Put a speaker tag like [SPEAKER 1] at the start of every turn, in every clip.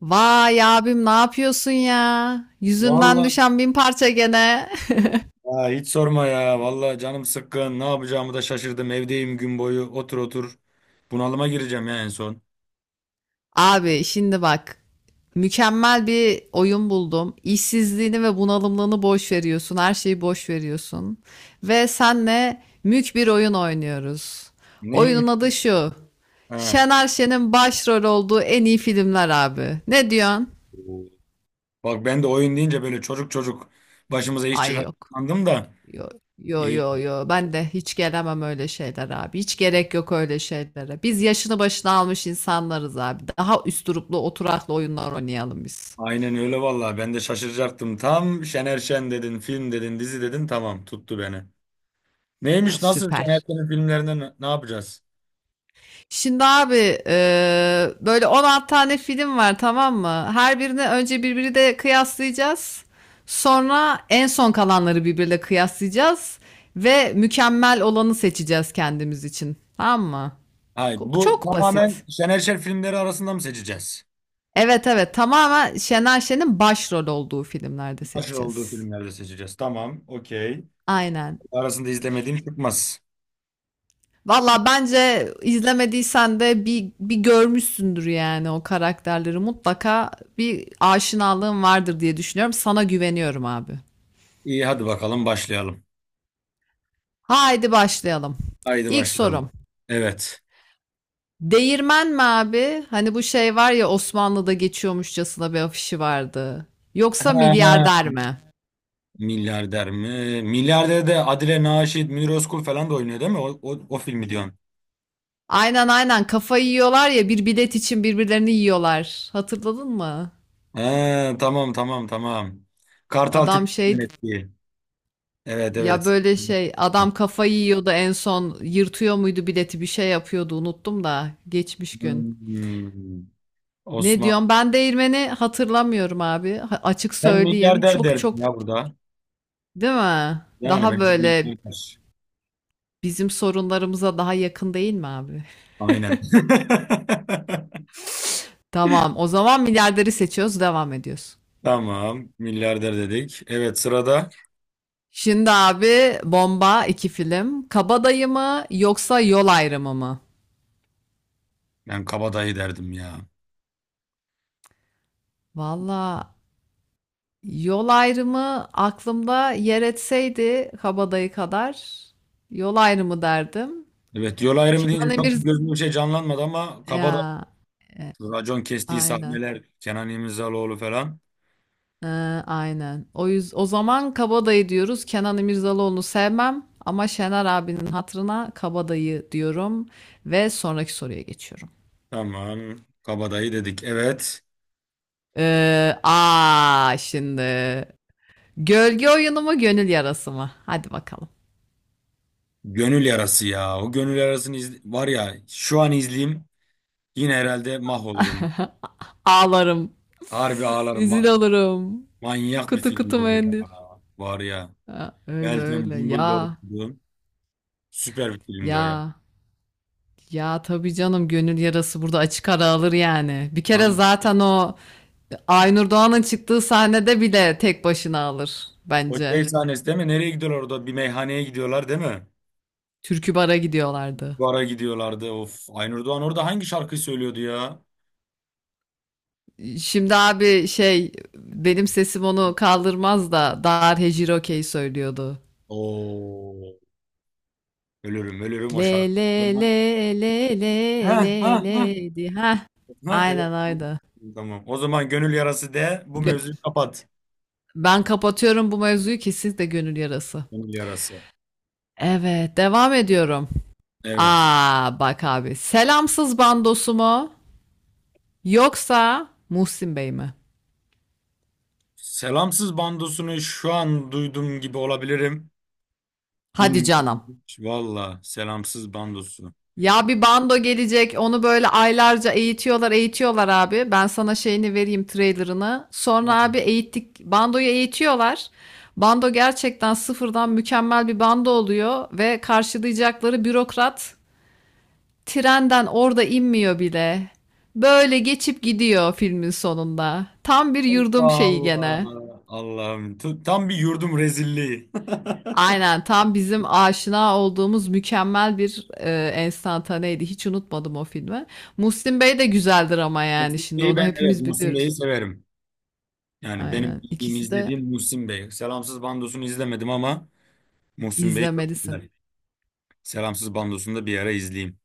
[SPEAKER 1] Vay abim ne yapıyorsun ya? Yüzünden
[SPEAKER 2] Vallahi
[SPEAKER 1] düşen bin parça gene.
[SPEAKER 2] ya hiç sorma ya. Vallahi canım sıkkın. Ne yapacağımı da şaşırdım. Evdeyim gün boyu. Otur otur. Bunalıma gireceğim ya en son.
[SPEAKER 1] Abi şimdi bak. Mükemmel bir oyun buldum. İşsizliğini ve bunalımlığını boş veriyorsun. Her şeyi boş veriyorsun. Ve senle mük bir oyun oynuyoruz.
[SPEAKER 2] Neymiş?
[SPEAKER 1] Oyunun adı şu.
[SPEAKER 2] Ha.
[SPEAKER 1] Şener Şen'in başrol olduğu en iyi filmler abi. Ne diyorsun?
[SPEAKER 2] Oo. Bak ben de oyun deyince böyle çocuk çocuk başımıza iş
[SPEAKER 1] Ay
[SPEAKER 2] çıkar
[SPEAKER 1] yok.
[SPEAKER 2] da.
[SPEAKER 1] Yo yo
[SPEAKER 2] İyi.
[SPEAKER 1] yo yo ben de hiç gelemem öyle şeyler abi. Hiç gerek yok öyle şeylere. Biz yaşını başına almış insanlarız abi. Daha üsturuplu oturaklı oyunlar oynayalım biz.
[SPEAKER 2] Aynen öyle vallahi. Ben de şaşıracaktım. Tam Şener Şen dedin, film dedin, dizi dedin. Tamam, tuttu beni. Neymiş? Nasıl Şener
[SPEAKER 1] Süper.
[SPEAKER 2] Şen'in filmlerinden ne yapacağız?
[SPEAKER 1] Şimdi abi böyle 16 tane film var, tamam mı? Her birini önce birbiri de kıyaslayacağız. Sonra en son kalanları birbiriyle kıyaslayacağız ve mükemmel olanı seçeceğiz kendimiz için. Tamam mı?
[SPEAKER 2] Hayır, bu
[SPEAKER 1] Çok basit.
[SPEAKER 2] tamamen Şener Şen filmleri arasında mı seçeceğiz?
[SPEAKER 1] Evet, evet. Tamamen Şener Şen'in başrol olduğu filmlerde
[SPEAKER 2] Başrol olduğu
[SPEAKER 1] seçeceğiz.
[SPEAKER 2] filmlerde seçeceğiz. Tamam, okey.
[SPEAKER 1] Aynen.
[SPEAKER 2] Arasında izlemediğin çıkmaz.
[SPEAKER 1] Valla bence izlemediysen de bir görmüşsündür yani o karakterleri. Mutlaka bir aşinalığın vardır diye düşünüyorum. Sana güveniyorum abi.
[SPEAKER 2] İyi hadi bakalım başlayalım.
[SPEAKER 1] Haydi başlayalım.
[SPEAKER 2] Haydi
[SPEAKER 1] İlk sorum.
[SPEAKER 2] başlayalım. Evet.
[SPEAKER 1] Değirmen mi abi? Hani bu şey var ya, Osmanlı'da geçiyormuşçasına bir afişi vardı. Yoksa
[SPEAKER 2] Ha,
[SPEAKER 1] milyarder mi?
[SPEAKER 2] milyarder mi? Milyarder de Adile Naşit, Münir Özkul falan da oynuyor değil mi? O filmi diyorsun.
[SPEAKER 1] Aynen aynen, kafayı yiyorlar ya, bir bilet için birbirlerini yiyorlar. Hatırladın mı?
[SPEAKER 2] Ha, tamam tamam tamam. Kartal
[SPEAKER 1] Adam
[SPEAKER 2] Tibet'in
[SPEAKER 1] şey
[SPEAKER 2] yönettiği. Evet
[SPEAKER 1] ya,
[SPEAKER 2] evet.
[SPEAKER 1] böyle şey, adam kafayı yiyordu, en son yırtıyor muydu bileti, bir şey yapıyordu, unuttum da geçmiş gün.
[SPEAKER 2] Hmm.
[SPEAKER 1] Ne
[SPEAKER 2] Osman.
[SPEAKER 1] diyorum ben, değirmeni hatırlamıyorum abi. Açık
[SPEAKER 2] Ben
[SPEAKER 1] söyleyeyim,
[SPEAKER 2] milyarder
[SPEAKER 1] çok
[SPEAKER 2] derdim
[SPEAKER 1] çok
[SPEAKER 2] ya burada.
[SPEAKER 1] değil mi?
[SPEAKER 2] Yani
[SPEAKER 1] Daha
[SPEAKER 2] bence
[SPEAKER 1] böyle
[SPEAKER 2] milyarder.
[SPEAKER 1] bizim sorunlarımıza daha yakın değil mi abi?
[SPEAKER 2] Aynen.
[SPEAKER 1] Tamam, o zaman milyarderi seçiyoruz, devam ediyoruz.
[SPEAKER 2] Tamam. Milyarder dedik. Evet sırada.
[SPEAKER 1] Şimdi abi, bomba iki film, Kabadayı mı yoksa Yol Ayrımı mı?
[SPEAKER 2] Ben kabadayı derdim ya.
[SPEAKER 1] Valla Yol Ayrımı aklımda yer etseydi Kabadayı kadar, Yol Ayrımı derdim.
[SPEAKER 2] Evet, yol ayrımı deyince
[SPEAKER 1] Kenan
[SPEAKER 2] çok
[SPEAKER 1] Emir
[SPEAKER 2] gözümde bir şey canlanmadı, ama kabadayı.
[SPEAKER 1] ya, e,
[SPEAKER 2] Racon kestiği
[SPEAKER 1] aynen.
[SPEAKER 2] sahneler, Kenan İmirzalıoğlu falan.
[SPEAKER 1] E, aynen. O yüz o zaman Kabadayı diyoruz. Kenan İmirzalıoğlu'nu sevmem ama Şener abinin hatırına Kabadayı diyorum ve sonraki soruya geçiyorum.
[SPEAKER 2] Tamam, kabadayı dedik. Evet,
[SPEAKER 1] Aa şimdi, gölge oyunu mu, gönül yarası mı? Hadi bakalım.
[SPEAKER 2] gönül yarası ya. O gönül yarasını var ya şu an izleyeyim yine herhalde mahvolurum.
[SPEAKER 1] Ağlarım.
[SPEAKER 2] Harbi ağlarım.
[SPEAKER 1] Rezil olurum.
[SPEAKER 2] Manyak bir
[SPEAKER 1] Kutu kutu
[SPEAKER 2] filmdi o ya.
[SPEAKER 1] mendil.
[SPEAKER 2] Var ya.
[SPEAKER 1] Ha, öyle
[SPEAKER 2] Meltem
[SPEAKER 1] öyle.
[SPEAKER 2] Cumbul'da oynadı. Süper bir filmdi o ya.
[SPEAKER 1] Ya ya, tabii canım, gönül yarası burada açık ara alır yani. Bir kere
[SPEAKER 2] Yani,
[SPEAKER 1] zaten o Aynur Doğan'ın çıktığı sahnede bile tek başına alır
[SPEAKER 2] o şey
[SPEAKER 1] bence.
[SPEAKER 2] sahnesi değil mi? Nereye gidiyorlar orada? Bir meyhaneye gidiyorlar değil mi?
[SPEAKER 1] Türkü bara gidiyorlardı.
[SPEAKER 2] Bara gidiyorlardı. Of. Aynur Doğan orada hangi şarkıyı söylüyordu ya?
[SPEAKER 1] Şimdi abi şey, benim sesim onu kaldırmaz da, Dar Hejiroke'yi söylüyordu.
[SPEAKER 2] Oo. Ölürüm ölürüm o
[SPEAKER 1] Le
[SPEAKER 2] şarkı. O
[SPEAKER 1] le
[SPEAKER 2] zaman...
[SPEAKER 1] le le
[SPEAKER 2] Ha,
[SPEAKER 1] le
[SPEAKER 2] ha,
[SPEAKER 1] le
[SPEAKER 2] ha.
[SPEAKER 1] le di. Heh,
[SPEAKER 2] Ha, evet.
[SPEAKER 1] aynen
[SPEAKER 2] Tamam.
[SPEAKER 1] aynen.
[SPEAKER 2] Tamam. O zaman gönül yarası de, bu mevzuyu kapat.
[SPEAKER 1] Ben kapatıyorum bu mevzuyu ki siz de gönül yarası.
[SPEAKER 2] Gönül yarası.
[SPEAKER 1] Evet, devam ediyorum.
[SPEAKER 2] Evet.
[SPEAKER 1] Aa, bak abi. Selamsız bandosu mu? Yoksa Muhsin Bey mi?
[SPEAKER 2] Selamsız bandosunu şu an duydum gibi olabilirim.
[SPEAKER 1] Hadi
[SPEAKER 2] Bilmiyorum
[SPEAKER 1] canım.
[SPEAKER 2] hiç. Valla selamsız bandosu.
[SPEAKER 1] Ya bir bando gelecek, onu böyle aylarca eğitiyorlar, eğitiyorlar abi. Ben sana şeyini vereyim, trailerını. Sonra abi, eğittik, bandoyu eğitiyorlar. Bando gerçekten sıfırdan mükemmel bir bando oluyor ve karşılayacakları bürokrat trenden orada inmiyor bile. Böyle geçip gidiyor filmin sonunda. Tam bir yurdum
[SPEAKER 2] Allah
[SPEAKER 1] şeyi gene.
[SPEAKER 2] Allah. Allah'ım. Tam bir yurdum rezilliği.
[SPEAKER 1] Aynen, tam bizim aşina olduğumuz mükemmel bir enstantaneydi. Hiç unutmadım o filmi. Muslim Bey de güzeldir ama yani
[SPEAKER 2] Muhsin
[SPEAKER 1] şimdi
[SPEAKER 2] Bey'i
[SPEAKER 1] onu
[SPEAKER 2] ben, evet,
[SPEAKER 1] hepimiz
[SPEAKER 2] Muhsin Bey'i
[SPEAKER 1] biliyoruz.
[SPEAKER 2] severim. Yani benim
[SPEAKER 1] Aynen.
[SPEAKER 2] bildiğim,
[SPEAKER 1] İkisi de
[SPEAKER 2] izlediğim Muhsin Bey. Selamsız Bandos'unu izlemedim ama Muhsin Bey çok
[SPEAKER 1] izlemelisin.
[SPEAKER 2] güzel. Selamsız Bandos'unu da bir ara izleyeyim.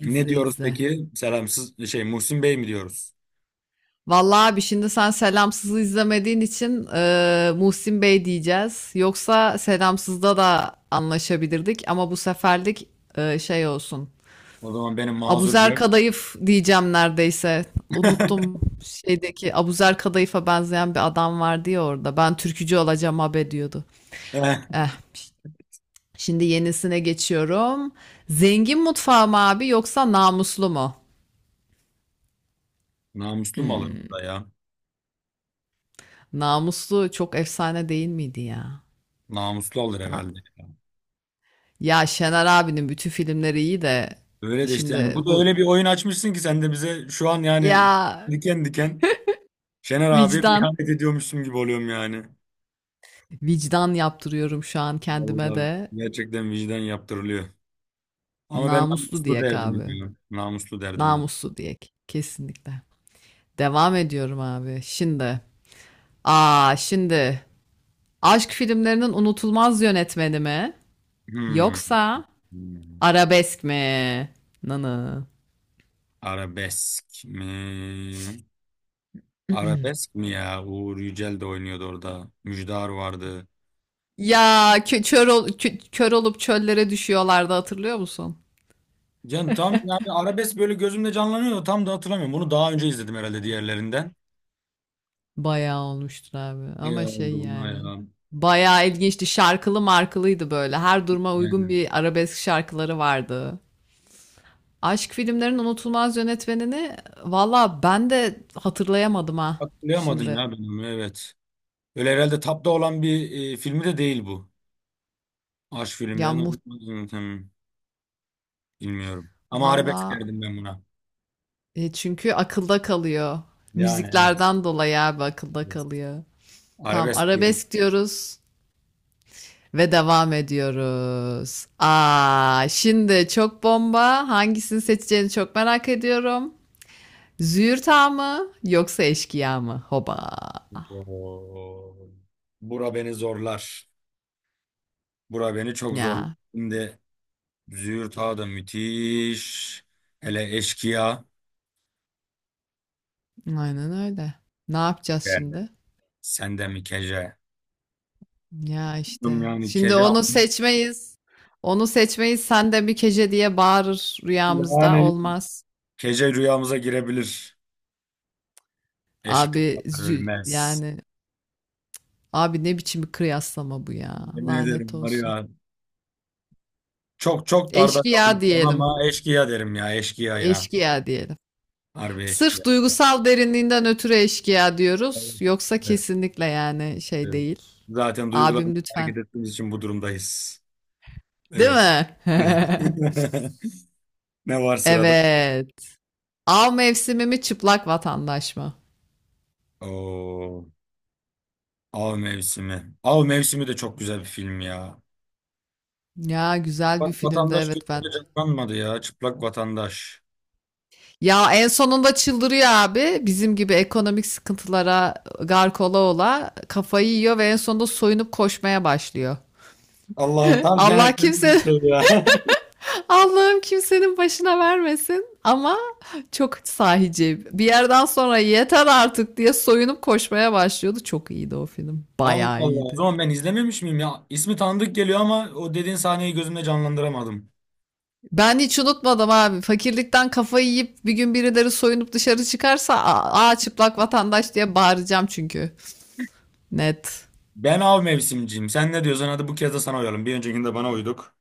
[SPEAKER 2] Ne diyoruz
[SPEAKER 1] izle.
[SPEAKER 2] peki? Selamsız şey, Muhsin Bey mi diyoruz?
[SPEAKER 1] Vallahi abi, şimdi sen Selamsız'ı izlemediğin için Muhsin Bey diyeceğiz. Yoksa Selamsız'da da anlaşabilirdik ama bu seferlik şey olsun.
[SPEAKER 2] O zaman benim mazur
[SPEAKER 1] Abuzer
[SPEAKER 2] gör.
[SPEAKER 1] Kadayıf diyeceğim neredeyse. Unuttum, şeydeki Abuzer Kadayıf'a benzeyen bir adam vardı ya orada. Ben türkücü olacağım abi diyordu.
[SPEAKER 2] Eh,
[SPEAKER 1] Eh, şimdi yenisine geçiyorum. Zengin mutfağı mı abi, yoksa namuslu mu?
[SPEAKER 2] namuslu mu alır bu da
[SPEAKER 1] Hmm.
[SPEAKER 2] ya?
[SPEAKER 1] Namuslu çok efsane değil miydi ya?
[SPEAKER 2] Namuslu alır
[SPEAKER 1] Tamam.
[SPEAKER 2] herhalde.
[SPEAKER 1] Ya Şener abinin bütün filmleri iyi de
[SPEAKER 2] Öyle de işte, yani
[SPEAKER 1] şimdi
[SPEAKER 2] bu da
[SPEAKER 1] bu
[SPEAKER 2] öyle bir oyun açmışsın ki sen de bize şu an yani
[SPEAKER 1] ya,
[SPEAKER 2] diken diken Şener abiye bir
[SPEAKER 1] vicdan
[SPEAKER 2] ihanet ediyormuşum gibi oluyorum yani.
[SPEAKER 1] vicdan yaptırıyorum şu an kendime
[SPEAKER 2] Vallahi
[SPEAKER 1] de.
[SPEAKER 2] gerçekten vicdan yaptırılıyor. Ama ben
[SPEAKER 1] Namuslu
[SPEAKER 2] namuslu
[SPEAKER 1] diyek
[SPEAKER 2] derdim
[SPEAKER 1] abi.
[SPEAKER 2] ya. Namuslu derdim ben.
[SPEAKER 1] Namuslu diyek kesinlikle. Devam ediyorum abi. Şimdi, aşk filmlerinin unutulmaz yönetmeni mi
[SPEAKER 2] Hmm.
[SPEAKER 1] yoksa
[SPEAKER 2] Hmm.
[SPEAKER 1] arabesk mi? Nanı.
[SPEAKER 2] Arabesk mi? Arabesk mi ya? Uğur Yücel de oynuyordu orada. Müjdar vardı.
[SPEAKER 1] Ya kör olup çöllere düşüyorlardı, hatırlıyor musun?
[SPEAKER 2] Can tam yani arabesk böyle gözümde canlanıyor da tam da hatırlamıyorum. Bunu daha önce izledim herhalde diğerlerinden.
[SPEAKER 1] Bayağı olmuştur abi.
[SPEAKER 2] Ay
[SPEAKER 1] Ama şey
[SPEAKER 2] oldu buna
[SPEAKER 1] yani.
[SPEAKER 2] ya.
[SPEAKER 1] Bayağı ilginçti. Şarkılı markılıydı böyle. Her duruma uygun
[SPEAKER 2] Yani
[SPEAKER 1] bir arabesk şarkıları vardı. Aşk filmlerinin unutulmaz yönetmenini valla ben de hatırlayamadım ha
[SPEAKER 2] hatırlayamadım
[SPEAKER 1] şimdi.
[SPEAKER 2] ya ben onu, evet. Öyle herhalde tapta olan bir filmi de değil bu. Aşk
[SPEAKER 1] Ya
[SPEAKER 2] filmden,
[SPEAKER 1] muht,
[SPEAKER 2] hmm, bilmiyorum. Ama arabesk
[SPEAKER 1] valla
[SPEAKER 2] derdim ben buna.
[SPEAKER 1] çünkü akılda kalıyor.
[SPEAKER 2] Yani evet.
[SPEAKER 1] Müziklerden dolayı abi akılda
[SPEAKER 2] Evet.
[SPEAKER 1] kalıyor. Tamam,
[SPEAKER 2] Arabesk diyorum.
[SPEAKER 1] arabesk diyoruz ve devam ediyoruz. Aa, şimdi çok bomba. Hangisini seçeceğini çok merak ediyorum. Züğürt'a mı yoksa eşkıya mı? Hoba.
[SPEAKER 2] Oo. Bura beni zorlar. Bura beni çok zorlar.
[SPEAKER 1] Ya
[SPEAKER 2] Şimdi Züğürt Ağa da müthiş. Hele Eşkıya.
[SPEAKER 1] aynen öyle. Ne yapacağız
[SPEAKER 2] Yani.
[SPEAKER 1] şimdi?
[SPEAKER 2] Sen de mi Kece?
[SPEAKER 1] Ya
[SPEAKER 2] Bilmiyorum.
[SPEAKER 1] işte.
[SPEAKER 2] Yani,
[SPEAKER 1] Şimdi
[SPEAKER 2] Kece.
[SPEAKER 1] onu seçmeyiz. Onu seçmeyiz. Sen de bir kece diye bağırır rüyamızda.
[SPEAKER 2] Yani.
[SPEAKER 1] Olmaz.
[SPEAKER 2] Kece rüyamıza girebilir.
[SPEAKER 1] Abi
[SPEAKER 2] Eşkıyalar
[SPEAKER 1] zü
[SPEAKER 2] ölmez.
[SPEAKER 1] yani, abi ne biçim bir kıyaslama bu ya.
[SPEAKER 2] Yemin
[SPEAKER 1] Lanet
[SPEAKER 2] ederim var
[SPEAKER 1] olsun.
[SPEAKER 2] ya. Çok çok darda
[SPEAKER 1] Eşkıya
[SPEAKER 2] kaldım şu an
[SPEAKER 1] diyelim.
[SPEAKER 2] ama eşkıya derim ya. Eşkıya ya.
[SPEAKER 1] Eşkıya diyelim.
[SPEAKER 2] Harbi eşkıya.
[SPEAKER 1] Sırf duygusal derinliğinden ötürü eşkıya diyoruz. Yoksa
[SPEAKER 2] Evet.
[SPEAKER 1] kesinlikle yani şey
[SPEAKER 2] Evet.
[SPEAKER 1] değil.
[SPEAKER 2] Zaten
[SPEAKER 1] Abim
[SPEAKER 2] duygularımızla
[SPEAKER 1] lütfen,
[SPEAKER 2] hareket ettiğimiz için bu durumdayız.
[SPEAKER 1] değil
[SPEAKER 2] Evet.
[SPEAKER 1] mi?
[SPEAKER 2] Ne var sırada?
[SPEAKER 1] Evet. Av mevsimi mi, çıplak vatandaş mı?
[SPEAKER 2] Oo, Av Mevsimi. Av Mevsimi de çok güzel bir film ya.
[SPEAKER 1] Ya güzel
[SPEAKER 2] Bak,
[SPEAKER 1] bir filmdi
[SPEAKER 2] vatandaş
[SPEAKER 1] evet ben de.
[SPEAKER 2] gözüyle canlanmadı ya. Çıplak vatandaş.
[SPEAKER 1] Ya en sonunda çıldırıyor abi. Bizim gibi ekonomik sıkıntılara gark ola ola kafayı yiyor ve en sonunda soyunup koşmaya başlıyor.
[SPEAKER 2] Allah'ım, tam
[SPEAKER 1] Allah
[SPEAKER 2] genellikle bir
[SPEAKER 1] kimse.
[SPEAKER 2] şey ya.
[SPEAKER 1] Allah'ım kimsenin başına vermesin ama çok sahici. Bir yerden sonra yeter artık diye soyunup koşmaya başlıyordu. Çok iyiydi o film.
[SPEAKER 2] Allah
[SPEAKER 1] Bayağı
[SPEAKER 2] Allah. O
[SPEAKER 1] iyiydi.
[SPEAKER 2] zaman ben izlememiş miyim ya? İsmi tanıdık geliyor ama o dediğin sahneyi gözümde canlandıramadım.
[SPEAKER 1] Ben hiç unutmadım abi. Fakirlikten kafayı yiyip bir gün birileri soyunup dışarı çıkarsa, aa çıplak vatandaş diye bağıracağım çünkü. Net.
[SPEAKER 2] Ben av mevsimciyim. Sen ne diyorsun? Hadi bu kez de sana uyalım. Bir öncekinde bana uyduk.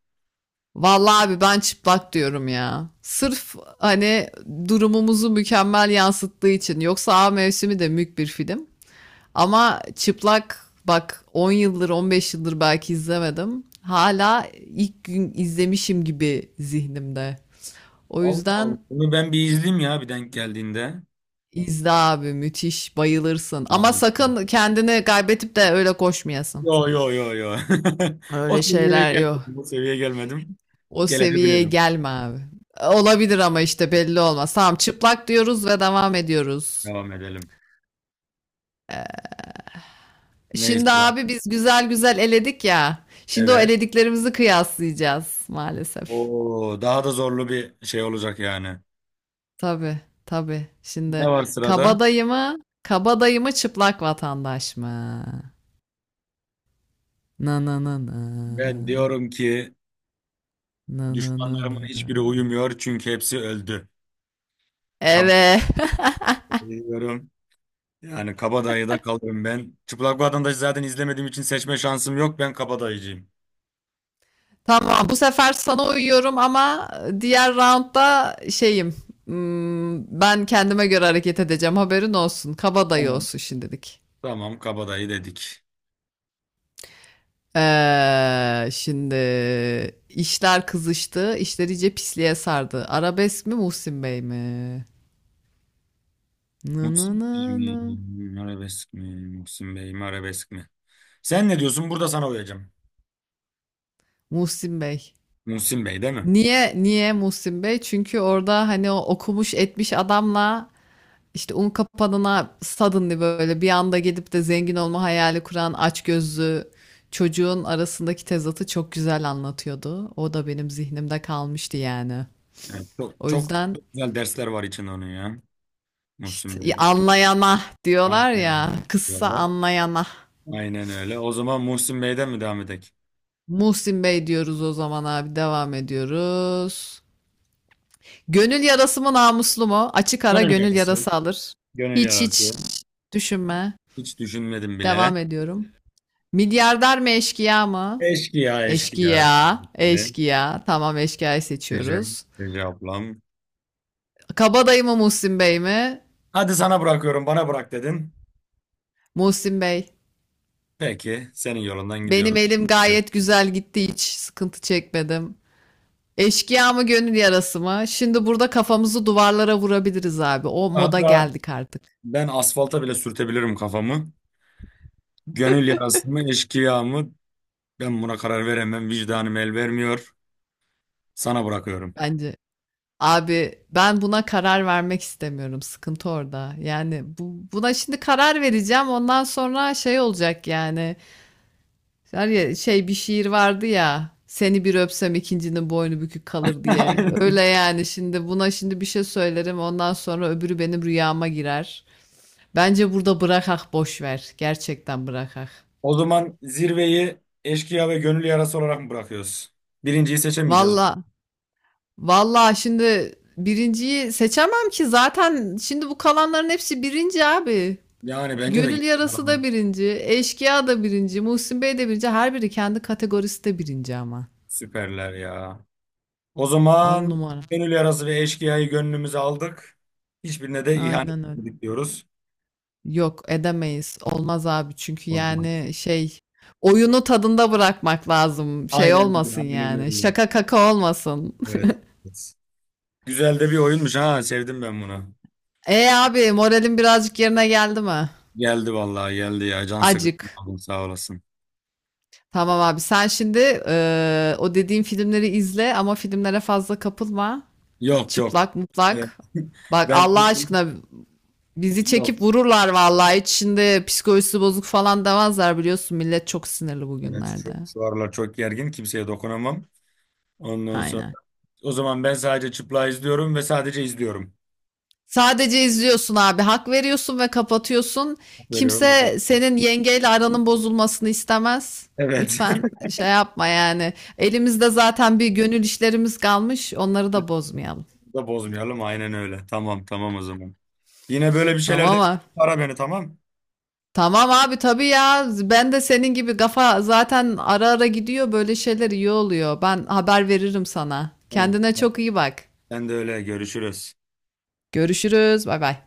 [SPEAKER 1] Vallahi abi ben çıplak diyorum ya. Sırf hani durumumuzu mükemmel yansıttığı için. Yoksa A Mevsimi de mük bir film. Ama çıplak, bak, 10 yıldır 15 yıldır belki izlemedim. Hala ilk gün izlemişim gibi zihnimde. O
[SPEAKER 2] Allah Allah.
[SPEAKER 1] yüzden
[SPEAKER 2] Bunu ben bir izleyeyim ya, bir denk geldiğinde.
[SPEAKER 1] İzle abi, müthiş bayılırsın. Ama
[SPEAKER 2] Vay.
[SPEAKER 1] sakın kendini kaybetip de öyle koşmayasın.
[SPEAKER 2] Yo yo yo yo. O
[SPEAKER 1] Öyle
[SPEAKER 2] seviyeye
[SPEAKER 1] şeyler yok.
[SPEAKER 2] gelmedim. O seviyeye gelmedim.
[SPEAKER 1] O seviyeye
[SPEAKER 2] Gelebilirim.
[SPEAKER 1] gelme abi. Olabilir ama işte belli olmaz. Tamam, çıplak diyoruz ve devam ediyoruz.
[SPEAKER 2] Devam edelim. Ne
[SPEAKER 1] Şimdi
[SPEAKER 2] sıra?
[SPEAKER 1] abi biz güzel güzel eledik ya. Şimdi o
[SPEAKER 2] Evet.
[SPEAKER 1] elediklerimizi kıyaslayacağız maalesef.
[SPEAKER 2] Oo, daha da zorlu bir şey olacak yani.
[SPEAKER 1] Tabii tabii.
[SPEAKER 2] Ne
[SPEAKER 1] Şimdi
[SPEAKER 2] var sırada?
[SPEAKER 1] kabadayı mı? Kabadayı mı çıplak vatandaş mı? Na na na na.
[SPEAKER 2] Ben diyorum ki,
[SPEAKER 1] Na na na
[SPEAKER 2] düşmanlarımın
[SPEAKER 1] na.
[SPEAKER 2] hiçbiri uyumuyor çünkü hepsi öldü. Kabadayı
[SPEAKER 1] Evet.
[SPEAKER 2] diyorum. Yani Kabadayı'da kalırım ben. Çıplak Vatandaşı zaten izlemediğim için seçme şansım yok. Ben Kabadayıcıyım.
[SPEAKER 1] Tamam, bu sefer sana uyuyorum ama diğer roundda şeyim. Hmm, ben kendime göre hareket edeceğim. Haberin olsun. Kabadayı
[SPEAKER 2] Tamam.
[SPEAKER 1] olsun şimdilik.
[SPEAKER 2] Tamam, Kabadayı dedik.
[SPEAKER 1] Şimdi işler kızıştı. İşler iyice pisliğe sardı. Arabesk mi Muhsin Bey mi? Nı nı
[SPEAKER 2] Muhsin
[SPEAKER 1] nı
[SPEAKER 2] Bey
[SPEAKER 1] nı.
[SPEAKER 2] mi, arabesk mi? Muhsin Bey mi, arabesk mi? Sen ne diyorsun? Burada sana uyacağım.
[SPEAKER 1] Muhsin Bey.
[SPEAKER 2] Muhsin Bey değil mi?
[SPEAKER 1] Niye Muhsin Bey? Çünkü orada hani o okumuş etmiş adamla İşte un kapanına suddenly böyle bir anda gidip de zengin olma hayali kuran açgözlü çocuğun arasındaki tezatı çok güzel anlatıyordu. O da benim zihnimde kalmıştı yani.
[SPEAKER 2] Evet, çok,
[SPEAKER 1] O
[SPEAKER 2] çok
[SPEAKER 1] yüzden
[SPEAKER 2] güzel dersler var içinde onun ya.
[SPEAKER 1] işte,
[SPEAKER 2] Muhsin
[SPEAKER 1] "Ya
[SPEAKER 2] Bey'de.
[SPEAKER 1] anlayana
[SPEAKER 2] Ana
[SPEAKER 1] diyorlar ya,
[SPEAKER 2] planlar
[SPEAKER 1] kıssa
[SPEAKER 2] diyorlar.
[SPEAKER 1] anlayana."
[SPEAKER 2] Aynen öyle. O zaman Muhsin Bey'den mi devam edelim?
[SPEAKER 1] Muhsin Bey diyoruz o zaman abi, devam ediyoruz. Gönül yarası mı namuslu mu? Açık ara
[SPEAKER 2] Gönül
[SPEAKER 1] gönül
[SPEAKER 2] yarası.
[SPEAKER 1] yarası alır.
[SPEAKER 2] Gönül
[SPEAKER 1] Hiç
[SPEAKER 2] yarası.
[SPEAKER 1] düşünme.
[SPEAKER 2] Hiç düşünmedim bile.
[SPEAKER 1] Devam ediyorum. Milyarder mi eşkıya mı?
[SPEAKER 2] Eşkıya, eşkıya.
[SPEAKER 1] Eşkıya, eşkıya. Tamam, eşkıyayı
[SPEAKER 2] Ece,
[SPEAKER 1] seçiyoruz.
[SPEAKER 2] Ece ablam.
[SPEAKER 1] Kabadayı mı Muhsin Bey mi?
[SPEAKER 2] Hadi sana bırakıyorum, bana bırak dedin.
[SPEAKER 1] Muhsin Bey.
[SPEAKER 2] Peki, senin yolundan
[SPEAKER 1] Benim
[SPEAKER 2] gidiyorum.
[SPEAKER 1] elim gayet güzel gitti, hiç sıkıntı çekmedim. Eşkıya mı gönül yarası mı? Şimdi burada kafamızı duvarlara vurabiliriz abi. O moda
[SPEAKER 2] Hatta
[SPEAKER 1] geldik artık
[SPEAKER 2] ben asfalta bile sürtebilirim kafamı. Gönül yarası mı, eşkıya mı? Ben buna karar veremem. Vicdanım el vermiyor. Sana bırakıyorum.
[SPEAKER 1] bence. Abi ben buna karar vermek istemiyorum. Sıkıntı orada. Yani buna şimdi karar vereceğim. Ondan sonra şey olacak yani. Var ya şey, bir şiir vardı ya. Seni bir öpsem ikincinin boynu bükük kalır diye. Öyle yani, şimdi buna şimdi bir şey söylerim, ondan sonra öbürü benim rüyama girer. Bence burada bırakak, boş ver. Gerçekten bırakak.
[SPEAKER 2] O zaman zirveyi eşkıya ve gönül yarası olarak mı bırakıyoruz? Birinciyi seçemeyeceğiz.
[SPEAKER 1] Valla valla, şimdi birinciyi seçemem ki zaten şimdi bu kalanların hepsi birinci abi.
[SPEAKER 2] Yani bence de
[SPEAKER 1] Gönül
[SPEAKER 2] gitti falan
[SPEAKER 1] yarası da
[SPEAKER 2] bunu.
[SPEAKER 1] birinci, eşkıya da birinci, Muhsin Bey de birinci. Her biri kendi kategorisi de birinci ama.
[SPEAKER 2] Süperler ya. O
[SPEAKER 1] On
[SPEAKER 2] zaman
[SPEAKER 1] numara.
[SPEAKER 2] gönül yarası ve eşkıyayı gönlümüze aldık. Hiçbirine de ihanet
[SPEAKER 1] Aynen öyle.
[SPEAKER 2] etmedik diyoruz.
[SPEAKER 1] Yok edemeyiz. Olmaz abi çünkü
[SPEAKER 2] Olmaz.
[SPEAKER 1] yani şey, oyunu tadında bırakmak lazım. Şey
[SPEAKER 2] Aynen öyle.
[SPEAKER 1] olmasın
[SPEAKER 2] Aynen
[SPEAKER 1] yani.
[SPEAKER 2] öyle.
[SPEAKER 1] Şaka kaka olmasın.
[SPEAKER 2] Evet. Evet. Güzel de bir oyunmuş ha. Sevdim ben bunu.
[SPEAKER 1] E abi, moralin birazcık yerine geldi mi?
[SPEAKER 2] Geldi vallahi, geldi ya. Can
[SPEAKER 1] Acık.
[SPEAKER 2] sıkıntı. Sağ olasın.
[SPEAKER 1] Tamam abi, sen şimdi o dediğim filmleri izle ama filmlere fazla kapılma.
[SPEAKER 2] Yok yok.
[SPEAKER 1] Çıplak
[SPEAKER 2] Evet.
[SPEAKER 1] mutlak. Bak
[SPEAKER 2] Ben
[SPEAKER 1] Allah aşkına bizi
[SPEAKER 2] yok.
[SPEAKER 1] çekip vururlar vallahi. Hiç şimdi psikolojisi bozuk falan demezler, biliyorsun. Millet çok sinirli
[SPEAKER 2] Evet,
[SPEAKER 1] bugünlerde.
[SPEAKER 2] şu aralar çok gergin. Kimseye dokunamam. Ondan sonra,
[SPEAKER 1] Aynen.
[SPEAKER 2] o zaman ben sadece çıplağı izliyorum ve sadece izliyorum.
[SPEAKER 1] Sadece izliyorsun abi. Hak veriyorsun ve kapatıyorsun.
[SPEAKER 2] Veriyorum. Bakalım.
[SPEAKER 1] Kimse senin yengeyle aranın bozulmasını istemez.
[SPEAKER 2] Evet.
[SPEAKER 1] Lütfen şey yapma yani. Elimizde zaten bir gönül işlerimiz kalmış. Onları da bozmayalım.
[SPEAKER 2] Da bozmayalım. Aynen öyle. Tamam tamam o zaman. Yine böyle bir şeylerde
[SPEAKER 1] Tamam mı?
[SPEAKER 2] ara beni, tamam.
[SPEAKER 1] Tamam abi, tabii ya. Ben de senin gibi kafa zaten ara ara gidiyor. Böyle şeyler iyi oluyor. Ben haber veririm sana.
[SPEAKER 2] Tamam.
[SPEAKER 1] Kendine
[SPEAKER 2] Tamam.
[SPEAKER 1] çok iyi bak.
[SPEAKER 2] Sen de öyle, görüşürüz.
[SPEAKER 1] Görüşürüz. Bay bay.